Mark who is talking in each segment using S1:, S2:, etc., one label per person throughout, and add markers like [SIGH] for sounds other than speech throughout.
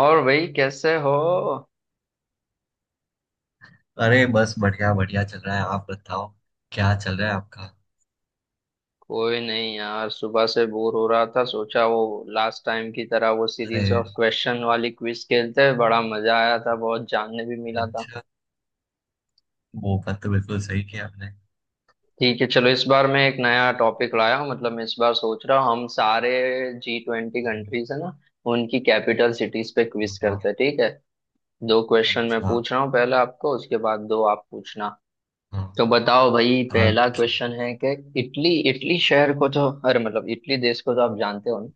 S1: और भाई, कैसे हो?
S2: अरे बस बढ़िया बढ़िया चल रहा है। आप बताओ, क्या चल रहा है आपका।
S1: कोई नहीं यार, सुबह से बोर हो रहा था, सोचा वो लास्ट टाइम की तरह वो
S2: अरे,
S1: सीरीज ऑफ क्वेश्चन वाली क्विज खेलते हैं, बड़ा मजा आया था, बहुत जानने भी मिला था।
S2: अच्छा, वो बात तो बिल्कुल सही किया आपने।
S1: ठीक है, चलो इस बार मैं एक नया टॉपिक लाया हूँ। मतलब मैं इस बार सोच रहा हूँ हम सारे G20 कंट्रीज है ना, उनकी कैपिटल सिटीज पे क्विज
S2: हाँ,
S1: करते हैं, ठीक है। दो क्वेश्चन मैं
S2: अच्छा।
S1: पूछ रहा हूँ पहले आपको, उसके बाद दो आप पूछना।
S2: हाँ।
S1: तो बताओ भाई,
S2: हाँ।
S1: पहला क्वेश्चन है कि इटली इटली शहर को तो अरे मतलब इटली देश को तो आप जानते हो ना,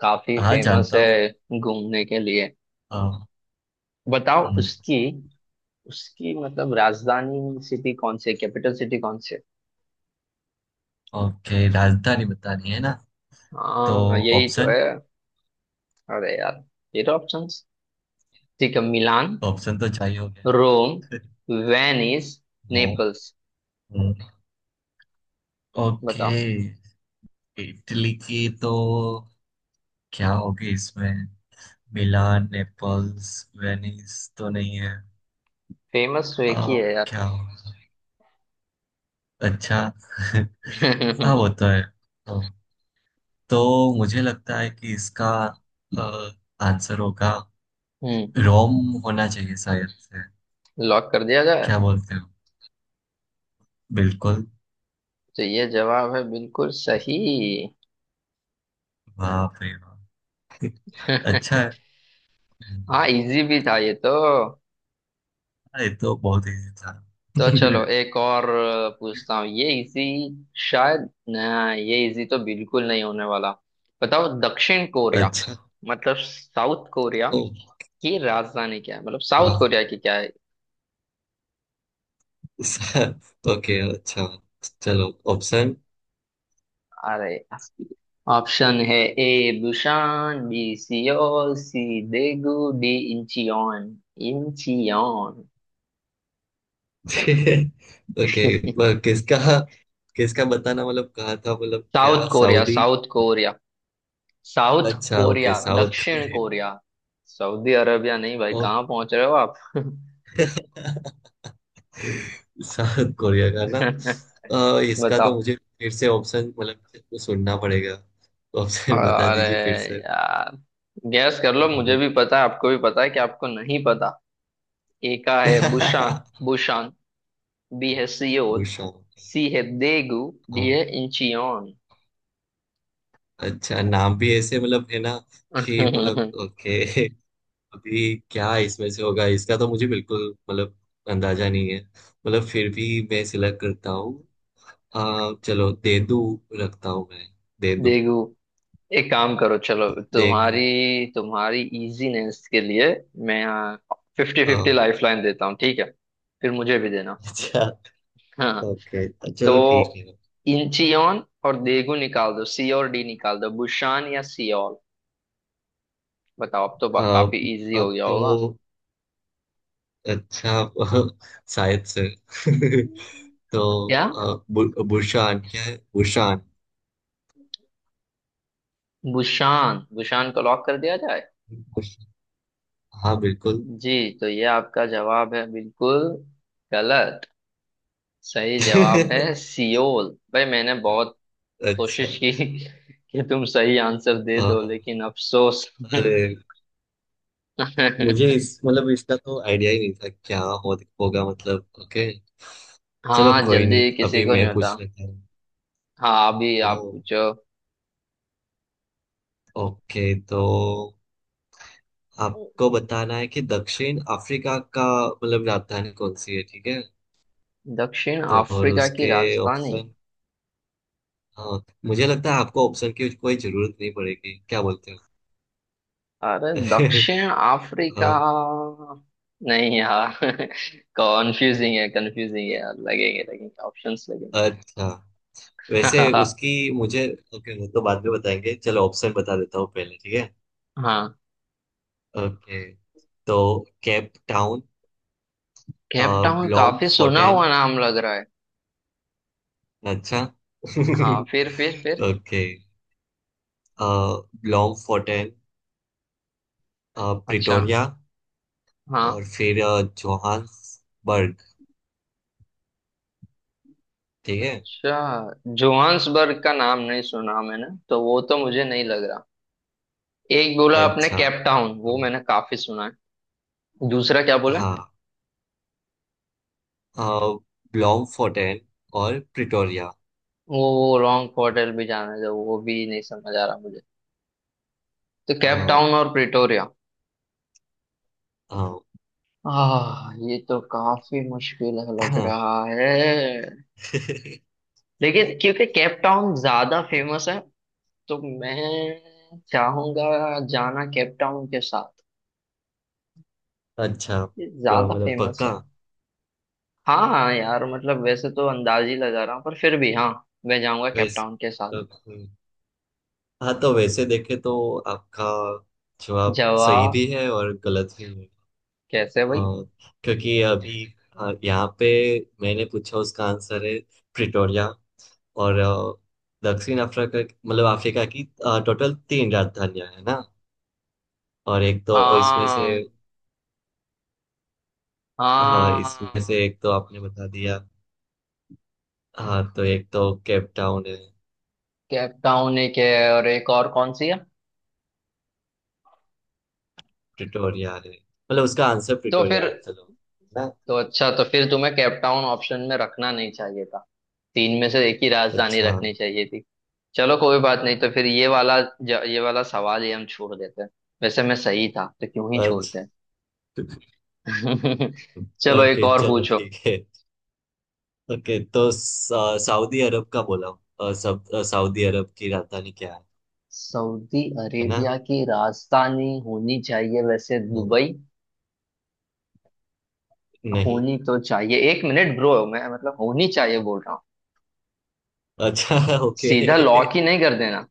S1: काफी
S2: हाँ,
S1: फेमस
S2: जानता हूँ।
S1: है घूमने के लिए।
S2: हाँ,
S1: बताओ
S2: हम्म,
S1: उसकी उसकी मतलब राजधानी सिटी कौन सी है, कैपिटल सिटी कौन सी है?
S2: ओके, राजधानी बतानी है ना। तो
S1: हाँ, यही तो
S2: ऑप्शन,
S1: है। अरे यार, ये तो ऑप्शंस। ठीक है, मिलान,
S2: ऑप्शन तो चाहिए। हो गया।
S1: रोम,
S2: [LAUGHS]
S1: वेनिस,
S2: हाँ,
S1: नेपल्स।
S2: हम्म, ओके।
S1: बताओ,
S2: इटली की तो क्या होगी इसमें। मिलान, नेपल्स, वेनिस तो नहीं है।
S1: फेमस तो एक ही
S2: आ,
S1: है यार।
S2: क्या होगा। अच्छा। [LAUGHS] हाँ वो
S1: [LAUGHS]
S2: तो है। हाँ। तो मुझे लगता है कि इसका अ, आंसर होगा
S1: हम्म,
S2: रोम। होना चाहिए शायद से।
S1: लॉक कर दिया जाए।
S2: क्या बोलते हो, बिल्कुल।
S1: तो ये जवाब है बिल्कुल सही।
S2: वाह भाई वाह। [LAUGHS] अच्छा है।
S1: [LAUGHS]
S2: हम्म,
S1: हाँ, इजी भी था ये तो।
S2: हाँ, ये तो बहुत इजी था।
S1: तो चलो
S2: [LAUGHS]
S1: एक और पूछता हूँ, ये इजी शायद ना, ये इजी तो बिल्कुल नहीं होने वाला। बताओ, दक्षिण कोरिया
S2: अच्छा।
S1: मतलब साउथ कोरिया
S2: ओ,
S1: की राजधानी क्या है, मतलब साउथ कोरिया
S2: वाह।
S1: की क्या है?
S2: [LAUGHS] ओके, अच्छा, चलो ऑप्शन।
S1: अरे, ऑप्शन है। A Busan, B Seoul, C Daegu, D Incheon. Incheon.
S2: [LAUGHS] Okay.
S1: [LAUGHS]
S2: किसका, किसका बताना, मतलब कहा था, मतलब
S1: साउथ
S2: क्या
S1: Korea,
S2: Saudi.
S1: South Korea, South
S2: अच्छा, ओके,
S1: कोरिया,
S2: साउथ
S1: दक्षिण कोरिया। सऊदी अरबिया नहीं भाई, कहाँ
S2: कोरिया।
S1: पहुंच रहे हो आप?
S2: साउथ कोरिया का ना।
S1: [LAUGHS]
S2: इसका तो
S1: बताओ।
S2: मुझे फिर से ऑप्शन, मतलब मेरे को सुनना पड़ेगा, तो ऑप्शन बता
S1: अरे
S2: दीजिए फिर से।
S1: यार, गैस कर लो, मुझे
S2: हम्म।
S1: भी पता है आपको भी पता है कि आपको नहीं पता। ए का है बुशान
S2: [LAUGHS]
S1: बुशान बी है सियोल,
S2: बुशोंग।
S1: सी है देगू,
S2: हाँ,
S1: डी है इंचियोन।
S2: अच्छा नाम भी ऐसे मतलब, है ना कि, मतलब
S1: [LAUGHS]
S2: ओके। [LAUGHS] अभी क्या इसमें से होगा, इसका तो मुझे बिल्कुल मतलब अंदाजा नहीं है, मतलब फिर भी मैं सिलेक्ट करता हूँ। चलो देदू रखता हूँ मैं। देदू,
S1: देगू। एक काम करो, चलो
S2: देखू।
S1: तुम्हारी तुम्हारी इजीनेस के लिए मैं fifty
S2: uh,
S1: fifty life line देता हूँ, ठीक है? फिर मुझे भी देना।
S2: [LAUGHS] अच्छा,
S1: हाँ,
S2: ओके,
S1: तो
S2: चलो ठीक है।
S1: इंचियोन और देगू निकाल दो, सी और डी निकाल दो, बुशान या सियोल? बताओ, अब तो
S2: अ,
S1: काफी इजी हो गया
S2: तो
S1: होगा।
S2: अच्छा। [LAUGHS] शायद से। [LAUGHS] तो
S1: क्या,
S2: बुशान क्या है, बुशान।
S1: बुशान? बुशान को लॉक कर दिया जाए?
S2: बुश- हाँ बिल्कुल।
S1: जी, तो ये आपका जवाब है बिल्कुल गलत। सही जवाब
S2: [LAUGHS]
S1: है सियोल। भाई, मैंने बहुत
S2: अच्छा।
S1: कोशिश की कि तुम सही आंसर दे
S2: हाँ,
S1: दो,
S2: हाँ।
S1: लेकिन अफसोस।
S2: अरे, मुझे इस मतलब, इसका तो आइडिया ही नहीं था क्या हो, होगा, मतलब ओके। चलो
S1: हाँ,
S2: कोई नहीं,
S1: जल्दी किसी
S2: अभी
S1: को नहीं
S2: मैं
S1: होता।
S2: पूछ लेता हूँ।
S1: हाँ, अभी
S2: ओ,
S1: आप पूछो।
S2: ओके, तो आपको बताना है कि दक्षिण अफ्रीका का मतलब राजधानी कौन सी है, ठीक है।
S1: दक्षिण
S2: तो और
S1: अफ्रीका की
S2: उसके
S1: राजधानी?
S2: ऑप्शन। हाँ, मुझे लगता है आपको ऑप्शन की कोई जरूरत नहीं पड़ेगी, क्या बोलते हो।
S1: अरे,
S2: [LAUGHS]
S1: दक्षिण अफ्रीका?
S2: हाँ,
S1: नहीं यार, कॉन्फ्यूजिंग है, कंफ्यूजिंग है यार। लगेंगे, लगेंगे ऑप्शंस लगेंगे।
S2: अच्छा, वैसे उसकी मुझे, ओके वो तो बाद में बताएंगे, चलो ऑप्शन बता देता हूँ पहले, ठीक है।
S1: हाँ,
S2: ओके, तो केप टाउन,
S1: केप टाउन
S2: ब्लॉम
S1: काफी सुना
S2: फोर्टेन।
S1: हुआ नाम लग रहा है।
S2: अच्छा।
S1: हाँ, फिर फिर
S2: [LAUGHS]
S1: फिर
S2: ओके, ब्लॉम फोर्टेन,
S1: अच्छा,
S2: प्रिटोरिया, और
S1: हाँ।
S2: फिर जोहान्सबर्ग। ठीक है।
S1: अच्छा, जोहान्सबर्ग का नाम नहीं सुना मैंने तो, वो तो मुझे नहीं लग रहा। एक बोला आपने
S2: अच्छा।
S1: केप टाउन, वो
S2: तो
S1: मैंने काफी सुना है। दूसरा क्या बोला?
S2: हाँ, ब्लॉम फोर्टेन और प्रिटोरिया।
S1: वो लॉन्ग होटल भी जाना है तो वो भी नहीं समझ आ रहा मुझे। तो केप
S2: हाँ।
S1: टाउन और प्रिटोरिया।
S2: हाँ।
S1: आह, ये तो काफी मुश्किल
S2: [CLEARS THROAT]
S1: लग
S2: हाँ।
S1: रहा है।
S2: [LAUGHS]
S1: लेकिन क्योंकि केप टाउन ज्यादा फेमस है, तो मैं चाहूंगा जाना केप टाउन के साथ,
S2: अच्छा।
S1: ये ज्यादा
S2: मतलब
S1: फेमस है।
S2: पक्का।
S1: हाँ हाँ यार, मतलब वैसे तो अंदाज ही लगा रहा हूँ, पर फिर भी हाँ, मैं जाऊंगा
S2: वैसे
S1: कैपटाउन के साथ।
S2: हाँ तो वैसे देखे तो आपका जवाब
S1: जवा,
S2: सही भी है और गलत भी है।
S1: कैसे भाई?
S2: हाँ, क्योंकि अभी, हाँ, यहाँ पे मैंने पूछा उसका आंसर है प्रिटोरिया। और दक्षिण अफ्रीका, मतलब अफ्रीका की टोटल तीन राजधानियां है ना। और एक तो इसमें से,
S1: हाँ
S2: हाँ इसमें से
S1: हाँ।
S2: एक तो आपने बता दिया। हाँ, तो एक तो केप टाउन है,
S1: कैपटाउन एक है, और एक और कौन सी है?
S2: प्रिटोरिया है, मतलब उसका आंसर
S1: तो फिर?
S2: प्रिटोरिया है। चलो ना।
S1: तो अच्छा, तो फिर तुम्हें कैपटाउन ऑप्शन में रखना नहीं चाहिए था, तीन में से एक ही राजधानी
S2: अच्छा।
S1: रखनी चाहिए थी। चलो कोई बात नहीं, तो फिर ये वाला ये वाला सवाल ही हम छोड़ देते हैं। वैसे मैं सही था, तो क्यों ही
S2: अच्छा,
S1: छोड़ते हैं। [LAUGHS] चलो एक
S2: ओके,
S1: और
S2: चलो
S1: पूछो।
S2: ठीक है। ओके तो सऊदी अरब का बोला, सऊदी अरब की राजधानी क्या है।
S1: सऊदी
S2: है ना।
S1: अरेबिया की राजधानी होनी चाहिए वैसे
S2: वो-
S1: दुबई।
S2: नहीं।
S1: होनी तो चाहिए, एक मिनट ब्रो, मैं मतलब होनी चाहिए बोल रहा हूँ,
S2: अच्छा। [LAUGHS] ओके।
S1: सीधा लॉक ही नहीं कर देना।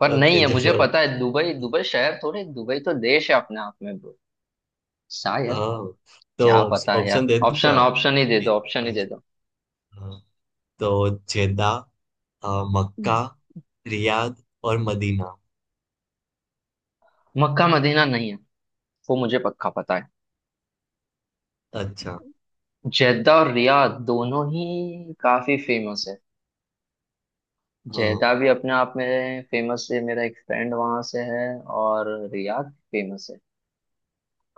S1: पर नहीं
S2: ओके,
S1: है, मुझे
S2: चलो।
S1: पता है, दुबई, दुबई शहर थोड़े, दुबई तो देश है अपने आप में ब्रो। शायद
S2: हाँ। तो
S1: क्या पता है
S2: ऑप्शन
S1: यार,
S2: दे दूं क्या।
S1: ऑप्शन ऑप्शन ही दे दो, ऑप्शन ही
S2: नहीं,
S1: दे दो।
S2: हाँ, तो जेदा, मक्का,
S1: हम्म।
S2: रियाद और मदीना।
S1: मक्का मदीना नहीं है, वो मुझे पक्का पता है।
S2: अच्छा।
S1: जेद्दा और रियाद दोनों ही काफी फेमस है।
S2: हाँ।
S1: जेदा भी अपने आप में फेमस है, मेरा एक फ्रेंड वहां से है। और रियाद फेमस है।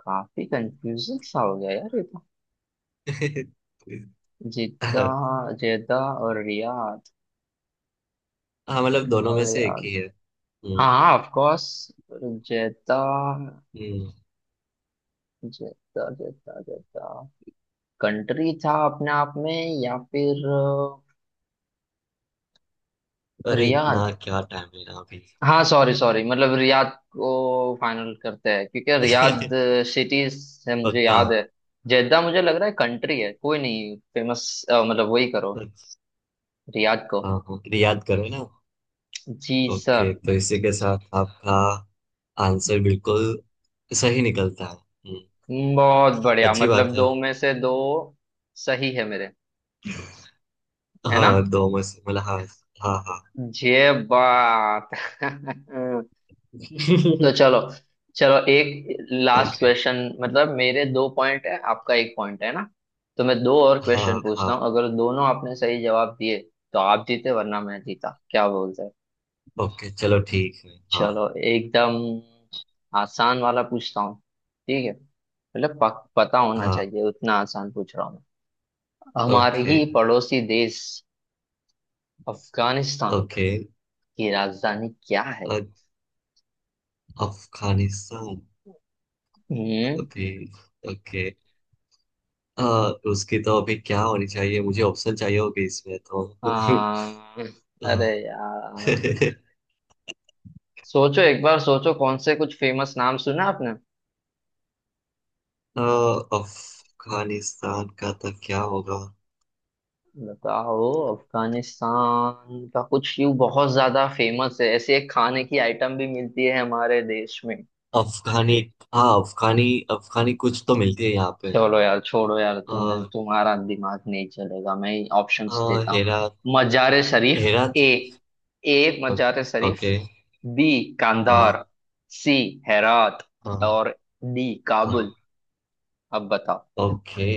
S1: काफी कंफ्यूजन सा हो गया यार ये तो।
S2: [LAUGHS]
S1: जिद्दा,
S2: हाँ,
S1: जेदा और रियाद।
S2: मतलब
S1: जेदा
S2: दोनों
S1: और
S2: में से एक
S1: रियाद।
S2: ही है।
S1: हाँ
S2: हम्म।
S1: हाँ, ऑफ कोर्स। जेदा,
S2: हम्म।
S1: जेदा, जेदा, जेदा कंट्री था अपने आप में, या फिर
S2: अरे इतना
S1: रियाद।
S2: क्या टाइम है ना अभी।
S1: हाँ, सॉरी सॉरी, मतलब रियाद को फाइनल करते हैं क्योंकि रियाद
S2: [LAUGHS]
S1: सिटी है, मुझे
S2: पक्का।
S1: याद है। जेद्दा मुझे लग रहा है कंट्री है, कोई नहीं फेमस। मतलब वही करो,
S2: अच्छा,
S1: रियाद को।
S2: हाँ हाँ, याद करो ना।
S1: जी सर।
S2: ओके, तो इसी के साथ आपका आंसर बिल्कुल सही निकलता है।
S1: बहुत बढ़िया,
S2: अच्छी
S1: मतलब
S2: बात है।
S1: दो में से दो सही है मेरे। है ना
S2: हाँ, दो में से मतलब हाँ। हाँ हाँ।
S1: ये बात? [LAUGHS]
S2: [LAUGHS]
S1: तो चलो, चलो एक लास्ट
S2: ओके।
S1: क्वेश्चन, मतलब मेरे दो पॉइंट है आपका एक पॉइंट है ना, तो मैं दो और क्वेश्चन
S2: हाँ
S1: पूछता हूँ,
S2: हाँ।
S1: अगर दोनों आपने सही जवाब दिए तो आप जीते वरना मैं जीता, क्या बोलते हैं?
S2: ओके, चलो ठीक है, हाँ।
S1: चलो, एकदम आसान वाला पूछता हूँ, ठीक है, मतलब पता होना
S2: हाँ।
S1: चाहिए, उतना आसान पूछ रहा हूँ मैं। हमारे
S2: ओके।
S1: ही पड़ोसी देश अफगानिस्तान
S2: ओके।
S1: की राजधानी क्या है?
S2: अफगानिस्तान।
S1: हम्म।
S2: अभी, ओके, अ, उसकी तो अभी क्या होनी चाहिए, मुझे ऑप्शन चाहिए होगी इसमें तो। [LAUGHS]
S1: आ, अरे
S2: अ,
S1: यार, सोचो, एक बार सोचो, कौन से कुछ फेमस नाम सुना आपने?
S2: अफगानिस्तान का तो क्या होगा।
S1: बताओ, अफगानिस्तान का कुछ यूं बहुत ज्यादा फेमस है, ऐसे एक खाने की आइटम भी मिलती है हमारे देश में।
S2: अफगानी। हाँ, अफगानी। अफगानी कुछ तो मिलती है यहाँ पे।
S1: चलो यार, छोड़ो यार, तुम्हें
S2: अ,
S1: तुम्हारा दिमाग नहीं चलेगा, मैं ही ऑप्शंस देता हूँ।
S2: हेरा।
S1: मजार शरीफ,
S2: हेरा
S1: ए,
S2: थे
S1: ए
S2: ओ-
S1: मजार शरीफ,
S2: ओके।
S1: बी
S2: हाँ।
S1: कांधार, सी हेरात,
S2: हाँ।
S1: और डी
S2: हाँ।
S1: काबुल। अब बताओ।
S2: ओके।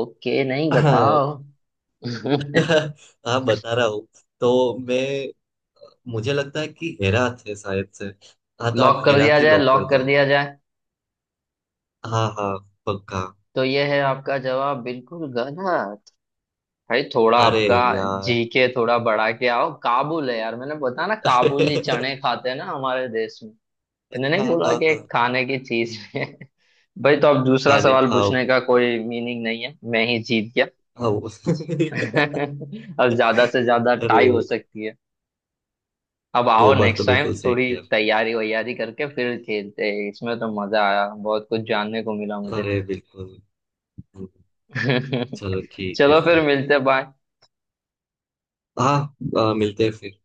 S1: ओके नहीं,
S2: हाँ।
S1: बताओ।
S2: [LAUGHS] हाँ, बता
S1: [LAUGHS]
S2: रहा हूँ। तो मैं, मुझे लगता है कि हेरा थे शायद से। हाँ तो आप
S1: लॉक कर
S2: हेरा
S1: दिया
S2: थी
S1: जाए,
S2: लॉक कर
S1: लॉक कर
S2: दो।
S1: दिया जाए।
S2: हाँ हाँ, पक्का।
S1: तो ये है आपका जवाब बिल्कुल गलत। भाई थोड़ा
S2: अरे
S1: आपका
S2: यार।
S1: जी के थोड़ा बढ़ा के आओ, काबुल है यार, मैंने बताया ना,
S2: [LAUGHS]
S1: काबुली
S2: अच्छा।
S1: चने खाते हैं ना हमारे देश में। मैंने नहीं
S2: हाँ
S1: बोला कि एक
S2: हाँ,
S1: खाने की चीज है? [LAUGHS] भाई तो अब दूसरा
S2: खाने,
S1: सवाल
S2: हाँ।
S1: पूछने का कोई मीनिंग नहीं है, मैं ही जीत गया।
S2: हाँ
S1: [LAUGHS]
S2: [LAUGHS]
S1: अब ज्यादा से ज्यादा टाई
S2: अरे,
S1: हो सकती है। अब
S2: वो
S1: आओ,
S2: बात तो
S1: नेक्स्ट टाइम
S2: बिल्कुल सही
S1: थोड़ी
S2: किया।
S1: तैयारी वैयारी करके फिर खेलते हैं, इसमें तो मजा आया, बहुत कुछ जानने को मिला
S2: अरे बिल्कुल।
S1: मुझे।
S2: चलो
S1: [LAUGHS]
S2: ठीक है
S1: चलो फिर,
S2: फिर।
S1: मिलते हैं, बाय।
S2: हाँ, मिलते हैं फिर।